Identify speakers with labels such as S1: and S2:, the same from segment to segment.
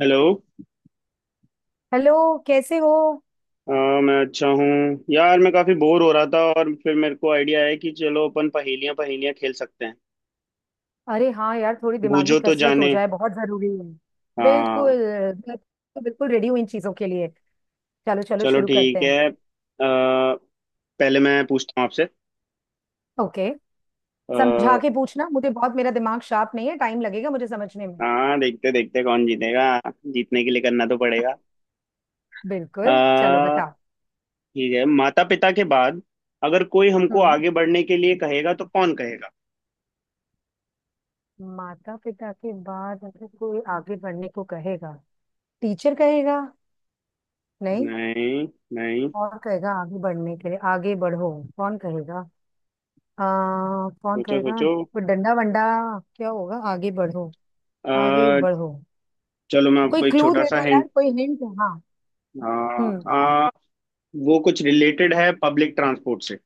S1: Hello.
S2: Hello. कैसे हो?
S1: अ, मैं अच्छा हूँ। यार मैं काफी बोर हो रहा था और फिर मेरे को आइडिया है कि चलो अपन पहेलियां पहेलियां खेल सकते हैं।
S2: अरे हाँ यार, थोड़ी दिमागी
S1: बूझो तो
S2: कसरत हो
S1: जाने।
S2: जाए, बहुत जरूरी है। बिल्कुल।
S1: हाँ।
S2: मैं तो बिल्कुल रेडी हूँ इन चीजों के लिए। चलो चलो
S1: चलो
S2: शुरू करते
S1: ठीक
S2: हैं।
S1: है। पहले मैं पूछता हूँ आपसे।
S2: ओके। समझा
S1: अ,
S2: के पूछना, मुझे बहुत मेरा दिमाग शार्प नहीं है, टाइम लगेगा मुझे समझने में।
S1: हाँ, देखते देखते कौन जीतेगा। जीतने के लिए करना तो पड़ेगा। अ,
S2: बिल्कुल, चलो बताओ।
S1: ठीक है, माता पिता के बाद अगर कोई हमको
S2: हम्म।
S1: आगे बढ़ने के लिए कहेगा तो कौन कहेगा।
S2: माता पिता के बाद अगर कोई आगे बढ़ने को कहेगा, टीचर कहेगा? नहीं।
S1: नहीं। नहीं।
S2: और कहेगा आगे बढ़ने के लिए, आगे बढ़ो। कौन कहेगा? आ, कौन
S1: सोचो
S2: कहेगा?
S1: सोचो।
S2: कोई डंडा वंडा? क्या होगा आगे बढ़ो, आगे
S1: अ,
S2: बढ़ो।
S1: चलो मैं
S2: कोई
S1: आपको एक
S2: क्लू
S1: छोटा
S2: दे
S1: सा
S2: दो यार,
S1: हिंट।
S2: कोई हिंट। हाँ।
S1: हाँ।
S2: हम्म।
S1: वो कुछ रिलेटेड है पब्लिक ट्रांसपोर्ट से।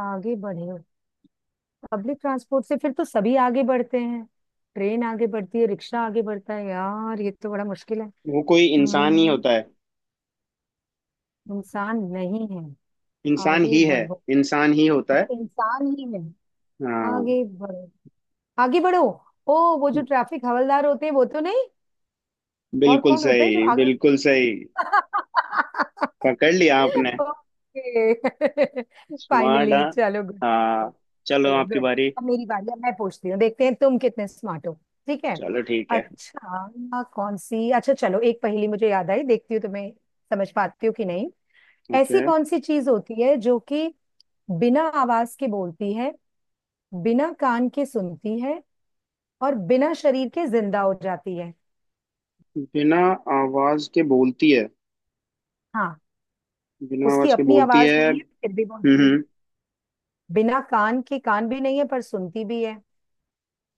S2: आगे बढ़े? पब्लिक ट्रांसपोर्ट से फिर तो सभी आगे बढ़ते हैं। ट्रेन आगे बढ़ती है, रिक्शा आगे बढ़ता है, यार ये तो बड़ा मुश्किल है।
S1: वो कोई इंसान ही
S2: हम्म।
S1: होता है।
S2: इंसान नहीं है?
S1: इंसान
S2: आगे
S1: ही है।
S2: बढ़ो।
S1: इंसान ही होता है।
S2: अच्छा इंसान ही है।
S1: हाँ।
S2: आगे बढ़ो, आगे बढ़ो। ओ वो जो ट्रैफिक हवलदार होते हैं, वो तो नहीं? और
S1: बिल्कुल
S2: कौन होता है जो
S1: सही,
S2: आगे।
S1: बिल्कुल सही। पकड़ लिया आपने।
S2: ओके।
S1: स्मार्ट।
S2: फाइनली
S1: हाँ।
S2: चलो गुड।
S1: हाँ। चलो,
S2: चलो
S1: आपकी
S2: गुड।
S1: बारी।
S2: अब मेरी बारी, अब मैं पूछती हूँ, देखते हैं तुम कितने स्मार्ट हो। ठीक है।
S1: चलो ठीक है।
S2: अच्छा ना कौन सी, अच्छा चलो एक पहेली मुझे याद आई, देखती हूँ तुम्हें समझ पाती हो कि नहीं।
S1: ओके।
S2: ऐसी कौन सी चीज होती है जो कि बिना आवाज के बोलती है, बिना कान के सुनती है, और बिना शरीर के जिंदा हो जाती है।
S1: बिना आवाज के बोलती है।
S2: हाँ।
S1: बिना
S2: उसकी
S1: आवाज के
S2: अपनी
S1: बोलती
S2: आवाज
S1: है।
S2: नहीं है फिर भी बोलती है।
S1: हम्म।
S2: बिना कान के, कान भी नहीं है पर सुनती भी है।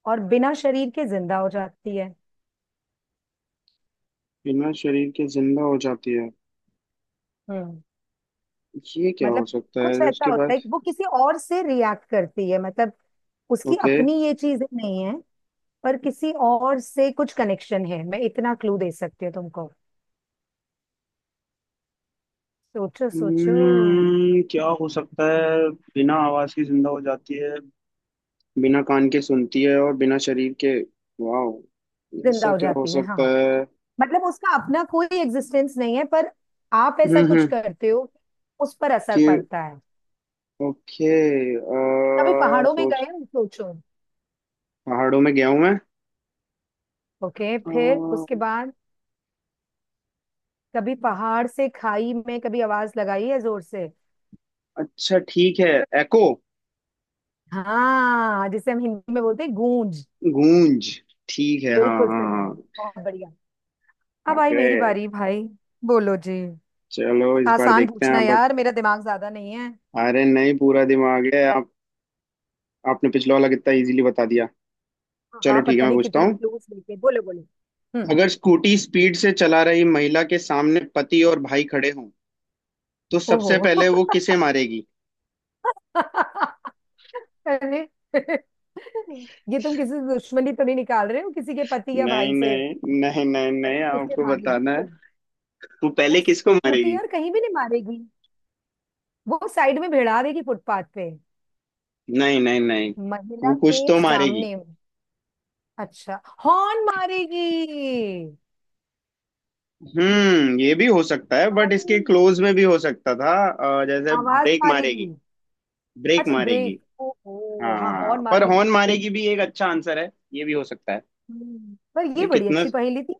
S2: और बिना शरीर के जिंदा हो जाती है।
S1: बिना शरीर के जिंदा हो जाती है।
S2: हम्म।
S1: ये क्या हो
S2: मतलब
S1: सकता
S2: कुछ
S1: है
S2: ऐसा
S1: उसके
S2: होता है
S1: पास।
S2: कि वो किसी और से रिएक्ट करती है, मतलब उसकी
S1: ओके।
S2: अपनी ये चीजें नहीं है। पर किसी और से कुछ कनेक्शन है, मैं इतना क्लू दे सकती हूँ तुमको। सोचो सोचो।
S1: क्या हो सकता है। बिना आवाज की जिंदा हो जाती है। बिना कान के सुनती है और बिना शरीर के। वाह,
S2: जिंदा
S1: ऐसा
S2: हो
S1: क्या हो
S2: जाती है
S1: सकता
S2: हाँ।
S1: है।
S2: मतलब उसका अपना कोई एग्जिस्टेंस नहीं है, पर आप ऐसा कुछ
S1: हम्म।
S2: करते हो उस पर असर
S1: कि
S2: पड़ता है।
S1: ओके।
S2: कभी पहाड़ों में
S1: सोच।
S2: गए हो, सोचो।
S1: पहाड़ों में गया हूं मैं।
S2: ओके
S1: अ,
S2: फिर उसके बाद। कभी पहाड़ से खाई में कभी आवाज लगाई है जोर से?
S1: अच्छा ठीक है। एको।
S2: हाँ, जिसे हम हिंदी में बोलते हैं गूंज।
S1: गूंज। ठीक है। हाँ
S2: बिल्कुल
S1: हाँ
S2: सही।
S1: हाँ।
S2: बहुत बढ़िया। अब आई मेरी
S1: पकड़े।
S2: बारी भाई। बोलो जी।
S1: चलो, इस बार
S2: आसान
S1: देखते हैं
S2: पूछना
S1: आप
S2: यार, मेरा दिमाग ज्यादा नहीं है।
S1: अरे नहीं, पूरा दिमाग है आप। आपने पिछला वाला कितना इजीली बता दिया।
S2: हाँ
S1: चलो ठीक है,
S2: पता
S1: मैं
S2: नहीं
S1: पूछता
S2: कितने
S1: हूँ।
S2: क्लूज लेके, बोलो बोलो। हम्म।
S1: अगर स्कूटी स्पीड से चला रही महिला के सामने पति और भाई खड़े हों तो
S2: ओहो
S1: सबसे पहले वो किसे मारेगी।
S2: अरे ये तुम किसी से दुश्मनी तो नहीं निकाल रहे हो किसी के पति या
S1: नहीं
S2: भाई से?
S1: नहीं। नहीं नहीं
S2: अरे
S1: नहीं,
S2: किसे
S1: आपको
S2: मारेगी
S1: बताना है।
S2: वो?
S1: वो पहले
S2: वो
S1: किसको
S2: स्कूटी
S1: मारेगी।
S2: यार कहीं भी नहीं मारेगी, वो साइड में भिड़ा देगी फुटपाथ पे।
S1: नहीं नहीं नहीं। वो
S2: महिला के
S1: कुछ तो मारेगी।
S2: सामने। अच्छा हॉर्न मारेगी।
S1: हम्म, ये भी हो सकता है बट
S2: अरे
S1: इसके क्लोज में भी हो सकता था। जैसे
S2: आवाज
S1: ब्रेक
S2: मारेगी।
S1: मारेगी। ब्रेक
S2: अच्छा
S1: मारेगी।
S2: ब्रेक, ओहो हाँ
S1: हाँ,
S2: हॉर्न
S1: पर
S2: मारने के
S1: हॉर्न
S2: लिए तो।
S1: मारेगी भी एक अच्छा आंसर है, ये भी हो सकता है।
S2: पर ये
S1: ये
S2: बड़ी
S1: कितना
S2: अच्छी पहेली थी।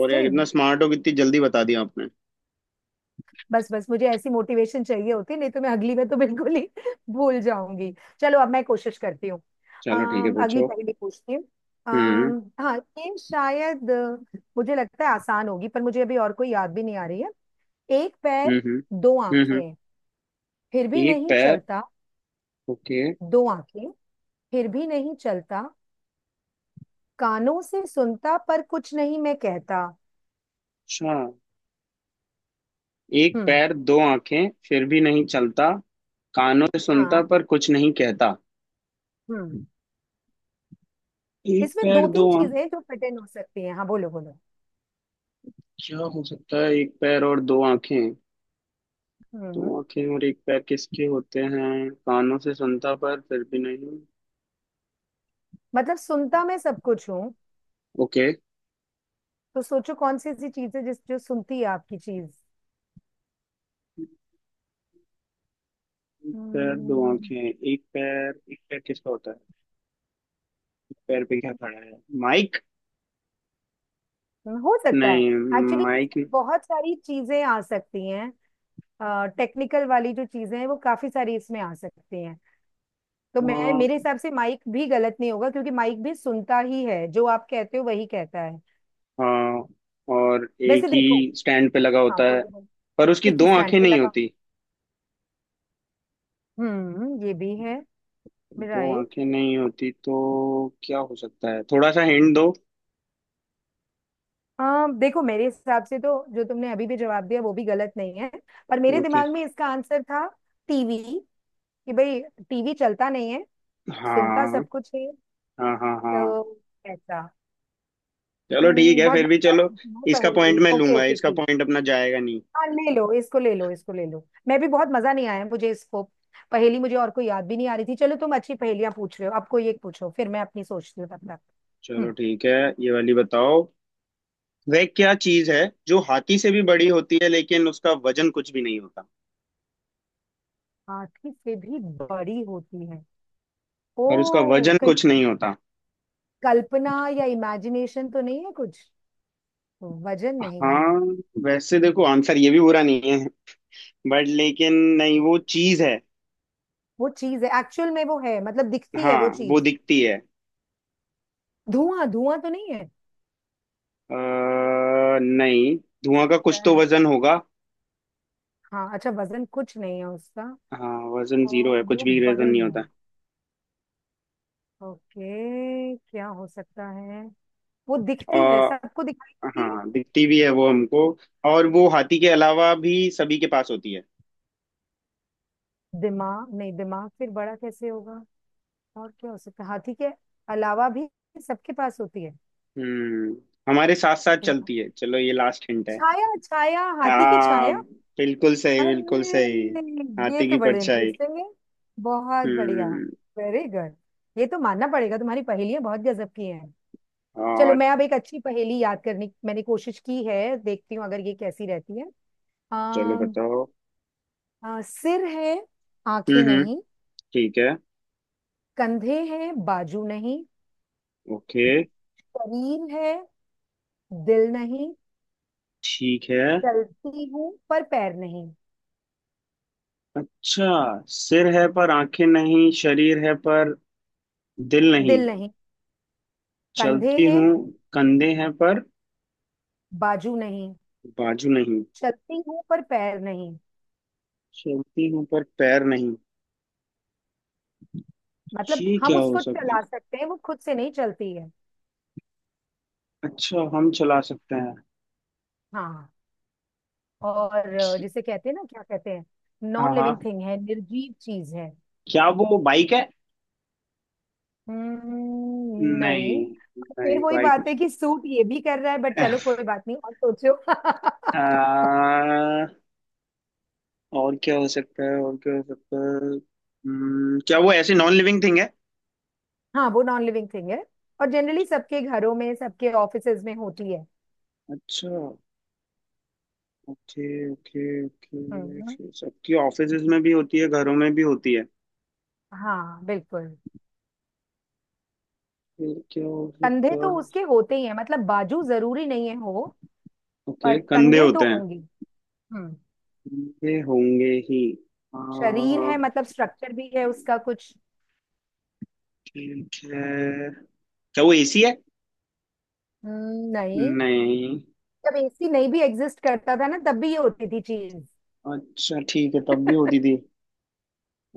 S1: और यार कितना स्मार्ट हो, कितनी जल्दी बता दिया आपने।
S2: बस बस मुझे ऐसी मोटिवेशन चाहिए होती, नहीं तो मैं अगली बार तो बिल्कुल ही भूल जाऊंगी। चलो अब मैं कोशिश करती हूँ।
S1: चलो ठीक है,
S2: अगली
S1: पूछो।
S2: पहेली पूछती हूँ।
S1: हम्म
S2: हाँ ये शायद मुझे लगता है आसान होगी, पर मुझे अभी और कोई याद भी नहीं आ रही है। एक
S1: हम्म।
S2: पैर, दो
S1: हम्म। हम्म।
S2: आंखें, फिर भी
S1: एक
S2: नहीं
S1: पैर।
S2: चलता।
S1: ओके।
S2: दो आंखें, फिर भी नहीं चलता। कानों से सुनता पर कुछ नहीं मैं कहता।
S1: अच्छा, एक
S2: हम्म।
S1: पैर दो आंखें फिर भी नहीं चलता। कानों से
S2: हाँ।
S1: सुनता पर कुछ नहीं कहता।
S2: हम्म।
S1: एक
S2: इसमें
S1: पैर
S2: दो
S1: दो
S2: तीन
S1: आंख।
S2: चीजें हैं जो फिट इन हो सकती हैं, हाँ बोलो बोलो।
S1: क्या हो सकता है, एक पैर और दो आंखें। दो
S2: हम्म।
S1: आंखें और एक पैर किसके होते हैं, कानों से सुनता पर फिर भी नहीं।
S2: मतलब सुनता मैं सब कुछ हूँ।
S1: ओके।
S2: तो सोचो कौन सी ऐसी चीज है जिस जो सुनती है आपकी चीज।
S1: एक पैर दो
S2: हम्म,
S1: आंखें, एक पैर, एक पैर किसका होता है। एक पैर पे क्या खड़ा है। माइक।
S2: हो सकता है।
S1: नहीं।
S2: Actually
S1: mic.
S2: इसमें बहुत सारी चीजें आ सकती हैं। टेक्निकल वाली जो चीजें हैं वो काफी सारी इसमें आ सकती हैं। तो मैं मेरे
S1: हाँ,
S2: हिसाब से माइक भी गलत नहीं होगा, क्योंकि माइक भी सुनता ही है, जो आप कहते हो वही कहता है।
S1: हाँ और एक
S2: वैसे
S1: ही
S2: देखो।
S1: स्टैंड पे लगा
S2: हाँ
S1: होता है।
S2: बोलो बोलो।
S1: पर उसकी
S2: एक
S1: दो
S2: ही स्टैंड
S1: आंखें
S2: पे
S1: नहीं
S2: लगा।
S1: होती।
S2: ये भी है।
S1: दो
S2: राइट।
S1: आंखें नहीं होती तो क्या हो सकता है, थोड़ा सा हिंट दो।
S2: हाँ देखो मेरे हिसाब से तो जो तुमने अभी भी जवाब दिया वो भी गलत नहीं है। पर मेरे
S1: ओके।
S2: दिमाग में इसका आंसर था टीवी। कि भाई टीवी चलता नहीं है, सुनता
S1: हाँ
S2: सब कुछ है।
S1: हाँ हाँ हाँ।
S2: तो ऐसा।
S1: चलो ठीक है,
S2: बहुत
S1: फिर भी चलो।
S2: मजेदार
S1: इसका पॉइंट
S2: पहेली।
S1: मैं
S2: ओके
S1: लूंगा,
S2: ओके।
S1: इसका पॉइंट अपना जाएगा नहीं।
S2: हाँ ले लो इसको, ले लो इसको, ले लो। मैं भी बहुत मजा नहीं आया मुझे इसको पहेली, मुझे और कोई याद भी नहीं आ रही थी। चलो तुम अच्छी पहेलियां पूछ रहे हो, अब कोई एक पूछो, फिर मैं अपनी सोचती हूँ तब तक।
S1: चलो
S2: हम्म।
S1: ठीक है, ये वाली बताओ। वह क्या चीज है जो हाथी से भी बड़ी होती है लेकिन उसका वजन कुछ भी नहीं होता।
S2: हाथी से भी बड़ी होती है।
S1: और उसका
S2: ओ
S1: वजन
S2: कहीं
S1: कुछ नहीं होता।
S2: कल्पना या इमेजिनेशन तो नहीं है कुछ। वजन नहीं है।
S1: हाँ। वैसे देखो, आंसर ये भी बुरा नहीं बट लेकिन नहीं, वो चीज है।
S2: वो चीज है एक्चुअल में, वो है मतलब दिखती है
S1: हाँ,
S2: वो
S1: वो
S2: चीज।
S1: दिखती है।
S2: धुआं, धुआं तो नहीं है?
S1: अ, नहीं।
S2: हो
S1: धुआं का
S2: सकता
S1: कुछ तो
S2: है।
S1: वजन होगा।
S2: हाँ अच्छा वजन कुछ नहीं है उसका।
S1: हाँ, वजन
S2: और
S1: जीरो है, कुछ
S2: वो
S1: भी वजन
S2: बड़ी
S1: नहीं
S2: है।
S1: होता।
S2: ओके क्या हो सकता है। वो
S1: अ,
S2: दिखती है, सबको दिखती है।
S1: हाँ दिखती भी है वो हमको। और वो हाथी के अलावा भी सभी के पास होती है।
S2: दिमाग नहीं, दिमाग फिर बड़ा कैसे होगा। और क्या हो सकता है, हाथी के अलावा भी सबके पास होती है।
S1: हम्म। हमारे साथ साथ चलती है, चलो ये लास्ट हिंट है।
S2: छाया, छाया, हाथी की
S1: हाँ।
S2: छाया।
S1: बिल्कुल सही,
S2: अरे।
S1: बिल्कुल सही।
S2: ये
S1: हाथी
S2: तो
S1: की
S2: बड़े
S1: परछाई।
S2: इंटरेस्टिंग है। बहुत बढ़िया।
S1: हम्म।
S2: Very good. ये तो मानना पड़ेगा तुम्हारी पहेलियां बहुत गजब की हैं। चलो
S1: और
S2: मैं अब एक अच्छी पहेली याद करने की मैंने कोशिश की है, देखती हूँ अगर ये कैसी रहती है।
S1: चलो
S2: आ,
S1: बताओ।
S2: आ, सिर है, आंखें
S1: हम्म।
S2: नहीं।
S1: ठीक है।
S2: कंधे हैं, बाजू नहीं।
S1: ओके।
S2: शरीर है, दिल नहीं।
S1: ठीक है।
S2: चलती हूँ पर पैर नहीं।
S1: अच्छा, सिर है पर आंखें नहीं, शरीर है पर दिल नहीं।
S2: दिल नहीं। कंधे
S1: चलती
S2: हैं,
S1: हूँ, कंधे हैं पर
S2: बाजू नहीं।
S1: बाजू नहीं।
S2: चलती हूँ पर पैर नहीं।
S1: चलती हूँ पर पैर नहीं।
S2: मतलब
S1: ये
S2: हम
S1: क्या हो
S2: उसको
S1: सकता है।
S2: चला सकते हैं, वो खुद से नहीं चलती है।
S1: अच्छा, हम चला सकते हैं।
S2: हाँ। और जिसे कहते हैं ना, क्या कहते हैं,
S1: हाँ
S2: नॉन
S1: हाँ।
S2: लिविंग थिंग है, निर्जीव चीज है।
S1: क्या वो बाइक है। नहीं।
S2: नहीं। फिर
S1: नहीं
S2: वही
S1: बाइक।
S2: बात है कि सूट ये भी कर रहा है, बट
S1: आ,
S2: चलो कोई बात नहीं, और सोचो।
S1: और क्या हो सकता है, और क्या हो सकता है। क्या वो ऐसी नॉन लिविंग थिंग है।
S2: हाँ वो नॉन लिविंग थिंग है, और जनरली सबके घरों में, सबके ऑफिसेज में होती है।
S1: अच्छा। ओके। ओके ओके,
S2: हम्म।
S1: फिर सबकी ऑफिसेज में भी होती है, घरों में भी होती है।
S2: हाँ बिल्कुल।
S1: फिर क्या हो
S2: कंधे
S1: सकता
S2: तो
S1: है।
S2: उसके होते ही हैं, मतलब बाजू जरूरी नहीं है हो, पर
S1: ओके, कंधे
S2: कंधे तो
S1: होते हैं।
S2: होंगे। हम्म।
S1: कंधे होंगे ही। आ,
S2: शरीर है मतलब स्ट्रक्चर भी है उसका कुछ।
S1: ठीक है। क्या वो एसी है।
S2: नहीं।
S1: नहीं।
S2: जब एसी नहीं भी एग्जिस्ट करता था ना, तब भी ये होती थी चीज।
S1: अच्छा ठीक है, तब भी होती थी।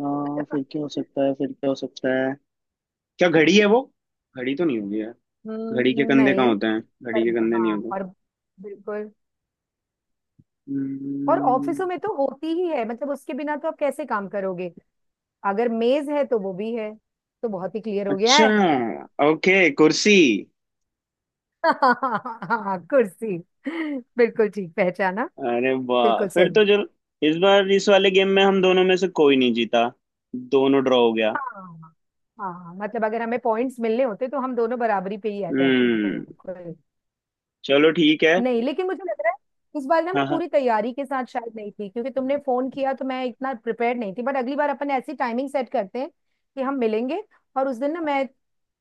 S1: फिर क्या हो सकता है, फिर क्या हो सकता है। क्या घड़ी है वो। घड़ी तो नहीं होगी यार। घड़ी के कंधे कहाँ
S2: नहीं।
S1: होते हैं, घड़ी
S2: पर
S1: के कंधे
S2: हाँ,
S1: नहीं होते।
S2: और बिल्कुल। और
S1: हम्म,
S2: ऑफिसों में तो होती ही है, मतलब उसके बिना तो आप कैसे काम करोगे, अगर मेज है तो वो भी है। तो बहुत ही क्लियर हो गया।
S1: अच्छा। ओके, कुर्सी।
S2: हाँ कुर्सी, बिल्कुल ठीक पहचाना।
S1: अरे वाह,
S2: बिल्कुल
S1: फिर
S2: सही।
S1: तो जो इस बार इस वाले गेम में हम दोनों में से कोई नहीं जीता। दोनों ड्रॉ हो गया।
S2: हाँ। हाँ मतलब अगर हमें पॉइंट्स मिलने होते तो हम दोनों बराबरी पे ही रहते,
S1: हम्म।
S2: बिल्कुल।
S1: चलो ठीक है।
S2: नहीं लेकिन मुझे लग रहा है इस बार ना मैं
S1: हाँ हाँ।
S2: पूरी तैयारी के साथ शायद नहीं थी, क्योंकि तुमने फोन किया तो मैं इतना प्रिपेयर नहीं थी, बट अगली बार अपन ऐसी टाइमिंग सेट करते हैं कि हम मिलेंगे। और उस दिन ना मैं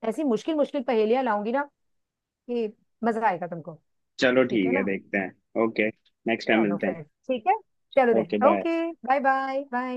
S2: ऐसी मुश्किल मुश्किल पहेलियां लाऊंगी ना, कि मजा आएगा तुमको।
S1: चलो
S2: ठीक
S1: ठीक
S2: है
S1: है,
S2: ना।
S1: देखते हैं। ओके, नेक्स्ट टाइम
S2: चलो
S1: मिलते हैं।
S2: फिर ठीक है। चलो
S1: okay
S2: then
S1: bye.
S2: Okay. Bye bye bye.